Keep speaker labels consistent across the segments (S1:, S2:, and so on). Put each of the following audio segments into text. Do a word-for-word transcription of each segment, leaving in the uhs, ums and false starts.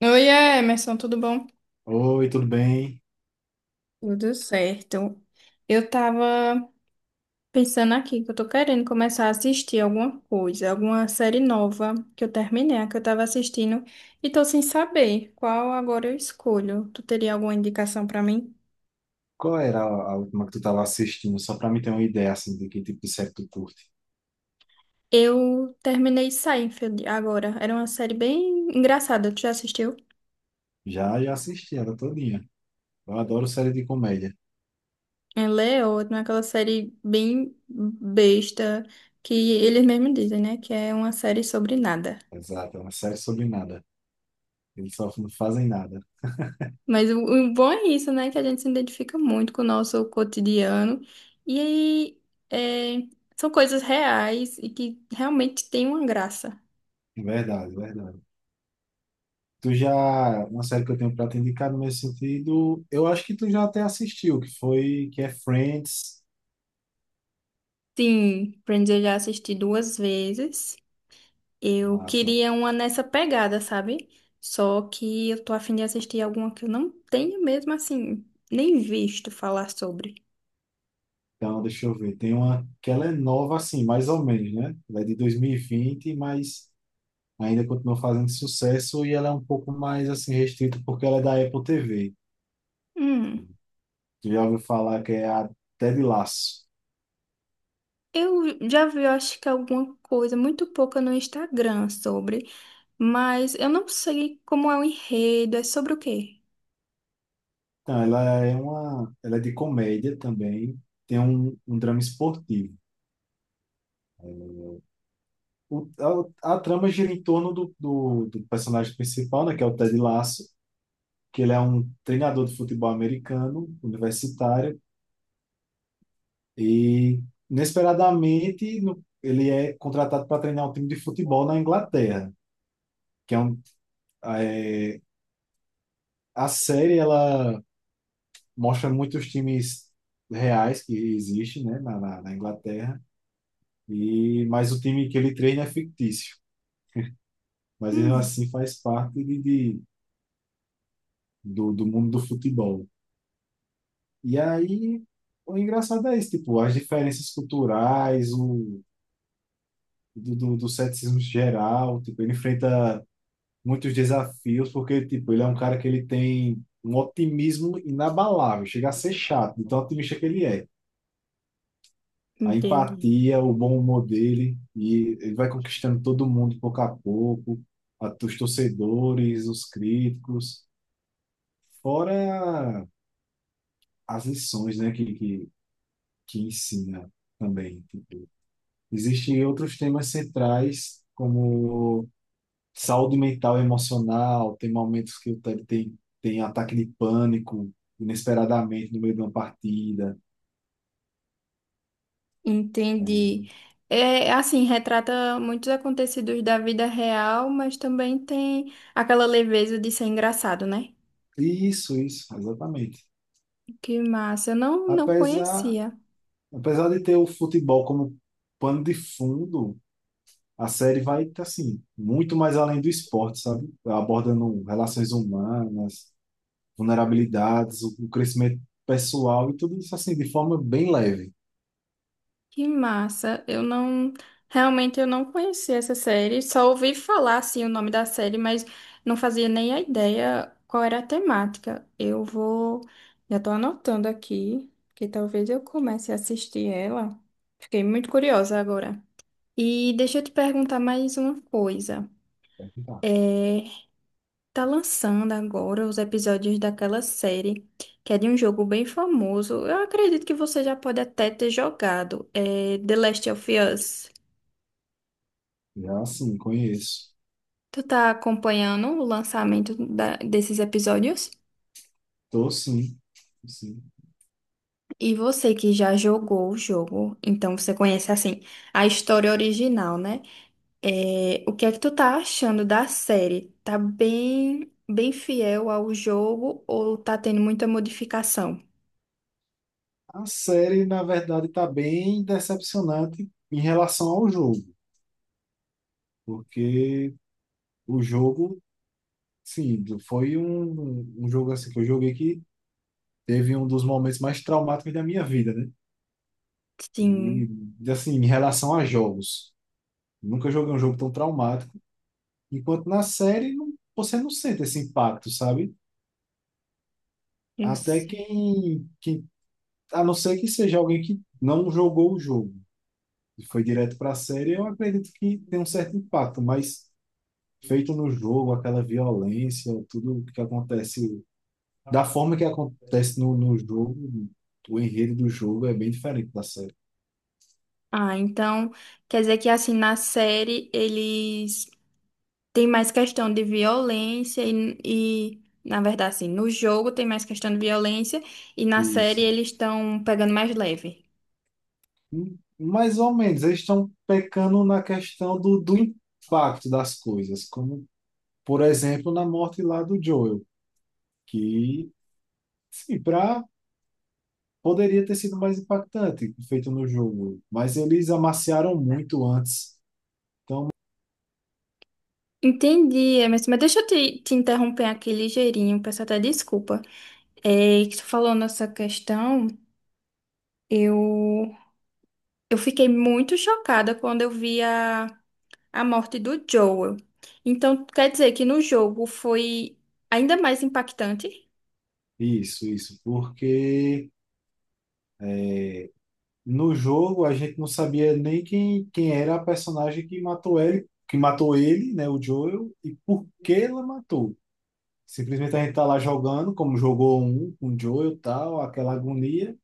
S1: Oi, Emerson, tudo bom?
S2: Oi, tudo bem?
S1: Tudo certo. Eu tava pensando aqui que eu tô querendo começar a assistir alguma coisa, alguma série nova que eu terminei, a que eu tava assistindo, e tô sem saber qual agora eu escolho. Tu teria alguma indicação pra mim?
S2: Qual era a a última que tu estava assistindo? Só para mim ter uma ideia assim de que tipo de série tu curte.
S1: Eu terminei Seinfeld agora. Era uma série bem engraçada. Tu já assistiu?
S2: Já, já assisti ela todinha. Eu adoro série de comédia.
S1: Ela é ótima, aquela série bem besta que eles mesmos dizem, né? Que é uma série sobre nada.
S2: Exato, é uma série sobre nada. Eles só não fazem nada.
S1: Mas o, o bom é isso, né? Que a gente se identifica muito com o nosso cotidiano. E aí, é, são coisas reais e que realmente têm uma graça.
S2: Verdade, verdade. Tu já, uma série que eu tenho para te indicar no meu sentido, eu acho que tu já até assistiu, que foi, que é Friends.
S1: Sim, Friends eu já assisti duas vezes. Eu
S2: Massa.
S1: queria uma nessa pegada, sabe? Só que eu tô afim de assistir alguma que eu não tenho mesmo, assim, nem visto falar sobre.
S2: Então, deixa eu ver. Tem uma que ela é nova assim, mais ou menos, né? Ela é de dois mil e vinte, mas ainda continua fazendo sucesso e ela é um pouco mais assim restrita porque ela é da Apple T V.
S1: Hum,
S2: Tu já ouviu falar que é a Ted Lasso.
S1: eu já vi, eu acho que alguma coisa, muito pouca no Instagram sobre. Mas eu não sei como é o enredo, é sobre o quê?
S2: Então, ela é uma, ela é de comédia também, tem um, um drama esportivo. O, a, a trama gira em torno do, do, do personagem principal, né, que é o Ted Lasso, que ele é um treinador de futebol americano, universitário, e inesperadamente no- ele é contratado para treinar um time de futebol na Inglaterra, que é um, é, a série ela mostra muitos times reais que existem, né, na, na, na Inglaterra, e mas o time que ele treina é fictício, mas ele
S1: Hum.
S2: assim faz parte de, de- do, do mundo do futebol. E aí o engraçado é isso, tipo, as diferenças culturais, o do, do, do ceticismo geral, tipo, ele enfrenta muitos desafios porque tipo, ele é um cara que ele tem um otimismo inabalável, chega a ser chato, de tão otimista que ele é. A
S1: Entendi.
S2: empatia, o bom humor dele, e ele vai conquistando todo mundo pouco a pouco, a- os torcedores, os críticos, fora as lições, né, que, que, que ensina também. Existem outros temas centrais, como saúde mental e emocional, tem momentos que o Ted tem, tem ataque de pânico, inesperadamente no meio de uma partida. É.
S1: Entendi. É assim, retrata muitos acontecidos da vida real, mas também tem aquela leveza de ser engraçado, né?
S2: Isso, isso, exatamente.
S1: Que massa, eu não, não
S2: Apesar,
S1: conhecia.
S2: Apesar de ter o futebol como pano de fundo, a série vai, assim, muito mais além do esporte, sabe? Abordando relações humanas, vulnerabilidades, o o crescimento pessoal e tudo isso, assim, de forma bem leve.
S1: Que massa. Eu não. Realmente eu não conhecia essa série. Só ouvi falar assim o nome da série, mas não fazia nem a ideia qual era a temática. Eu vou. Já tô anotando aqui, que talvez eu comece a assistir ela. Fiquei muito curiosa agora. E deixa eu te perguntar mais uma coisa.
S2: Vai ficar.
S1: É, Tá lançando agora os episódios daquela série, que é de um jogo bem famoso. Eu acredito que você já pode até ter jogado, é The Last of Us.
S2: Já, assim, conheço.
S1: Tu tá acompanhando o lançamento da- desses episódios?
S2: Tô, sim. Sim.
S1: E você que já jogou o jogo, então você conhece assim a história original, né? É, o que é que tu tá achando da série? Tá bem, bem fiel ao jogo ou tá tendo muita modificação?
S2: A série, na verdade, está bem decepcionante em relação ao jogo, porque o jogo, sim, foi um, um jogo assim que eu joguei que teve um dos momentos mais traumáticos da minha vida, né?
S1: Sim,
S2: E, assim, em relação a jogos, nunca joguei um jogo tão traumático, enquanto na série não- você não sente esse impacto, sabe?
S1: eu
S2: Até
S1: sei.
S2: quem, quem, a não ser que seja alguém que não jogou o jogo e foi direto para a série, eu acredito que tem um certo impacto, mas feito no jogo, aquela violência, tudo que acontece, da forma que acontece no, no jogo, o enredo do jogo é bem diferente da série.
S1: Ah, então quer dizer que assim na série eles têm mais questão de violência e, e, na verdade assim, no jogo tem mais questão de violência e na série
S2: Isso.
S1: eles estão pegando mais leve.
S2: Mais ou menos, eles estão pecando na questão do, do impacto das coisas, como, por exemplo, na morte lá do Joel, que, sim, pra, poderia ter sido mais impactante, feito no jogo, mas eles amaciaram muito antes.
S1: Entendi, mas, mas deixa eu te, te interromper aqui ligeirinho, peço até desculpa. É que tu falou nessa questão. Eu, eu fiquei muito chocada quando eu vi a, a morte do Joel. Então, quer dizer que no jogo foi ainda mais impactante?
S2: Isso, isso, porque no jogo a gente não sabia nem quem, quem era a personagem que matou ele, que matou ele, né, o Joel, e por que ela matou. Simplesmente a gente tá lá jogando, como jogou um com o Joel, tal, aquela agonia,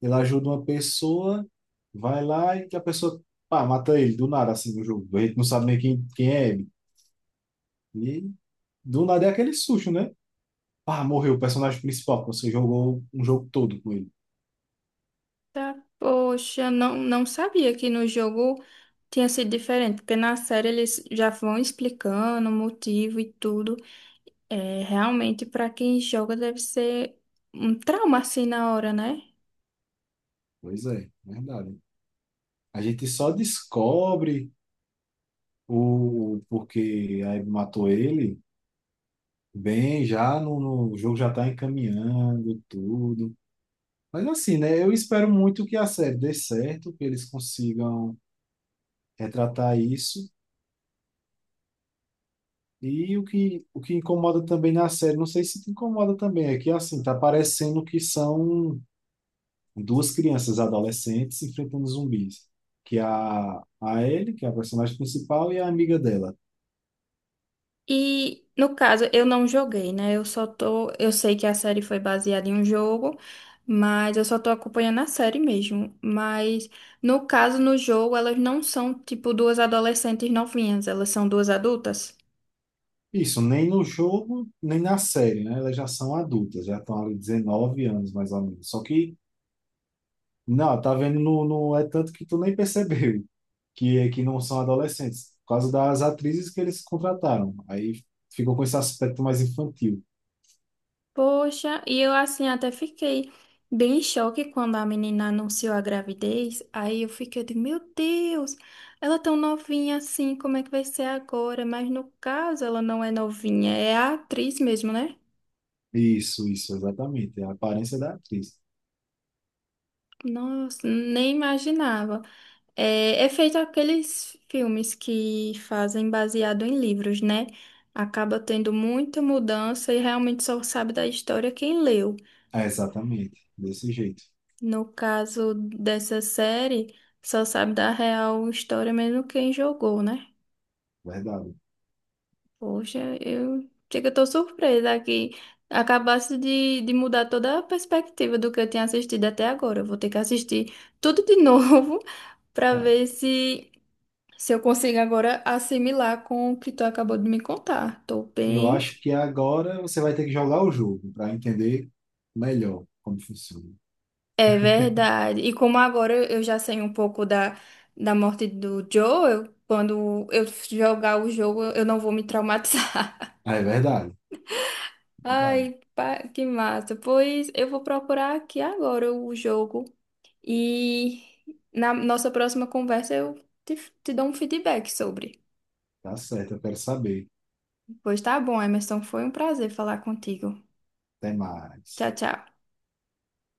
S2: ele ajuda uma pessoa, vai lá e que a pessoa, pá, mata ele do nada assim no jogo. A gente não sabe nem quem, quem é ele. E do nada é aquele susto, né? Pá, morreu o personagem principal, que você jogou um jogo todo com ele.
S1: Tá, poxa, não, não sabia que no jogo tinha sido diferente, porque na série eles já vão explicando o motivo e tudo. É, realmente, para quem joga, deve ser um trauma assim na hora, né?
S2: Pois é, é verdade. A gente só descobre o, porque aí matou ele, bem, já no, no- o jogo já está encaminhando tudo. Mas assim, né? Eu espero muito que a série dê certo, que eles consigam retratar isso. E o que, o que incomoda também na série, não sei se te incomoda também, é que assim, tá parecendo que são duas crianças adolescentes enfrentando zumbis. Que é a, a Ellie, que é a personagem principal, e a amiga dela.
S1: E no caso, eu não joguei, né? Eu só tô. Eu sei que a série foi baseada em um jogo, mas eu só tô acompanhando a série mesmo. Mas no caso, no jogo, elas não são tipo duas adolescentes novinhas, elas são duas adultas.
S2: Isso, nem no jogo, nem na série, né? Elas já são adultas, já estão ali dezenove anos, mais ou menos. Só que, não, tá vendo, não, não é tanto que tu nem percebeu que, é que não são adolescentes, por causa das atrizes que eles contrataram. Aí ficou com esse aspecto mais infantil.
S1: Poxa, e eu assim até fiquei bem em choque quando a menina anunciou a gravidez. Aí eu fiquei de, meu Deus, ela é tão novinha assim, como é que vai ser agora? Mas no caso, ela não é novinha, é a atriz mesmo, né?
S2: Isso, isso, exatamente. É a aparência da atriz.
S1: Nossa, nem imaginava. É, é feito aqueles filmes que fazem baseado em livros, né? Acaba tendo muita mudança e realmente só sabe da história quem leu.
S2: É, exatamente, desse jeito,
S1: No caso dessa série, só sabe da real história mesmo quem jogou, né?
S2: verdade.
S1: Poxa, eu chega, eu tô surpresa que acabasse de, de mudar toda a perspectiva do que eu tinha assistido até agora. Eu vou ter que assistir tudo de novo para
S2: É.
S1: ver se. Se eu consigo agora assimilar com o que tu acabou de me contar. Tô
S2: Eu
S1: bem.
S2: acho que agora você vai ter que jogar o jogo para entender melhor como funciona.
S1: É verdade. E como agora eu já sei um pouco da, da morte do Joe, eu- quando eu jogar o jogo, eu não vou me traumatizar.
S2: Ah, é verdade, é verdade.
S1: Ai, pá, que massa. Pois eu vou procurar aqui agora o jogo. E na nossa próxima conversa eu te, te dou um feedback sobre.
S2: Tá certo, eu quero saber.
S1: Pois tá bom, Emerson. Foi um prazer falar contigo.
S2: Até
S1: Tchau,
S2: mais.
S1: tchau.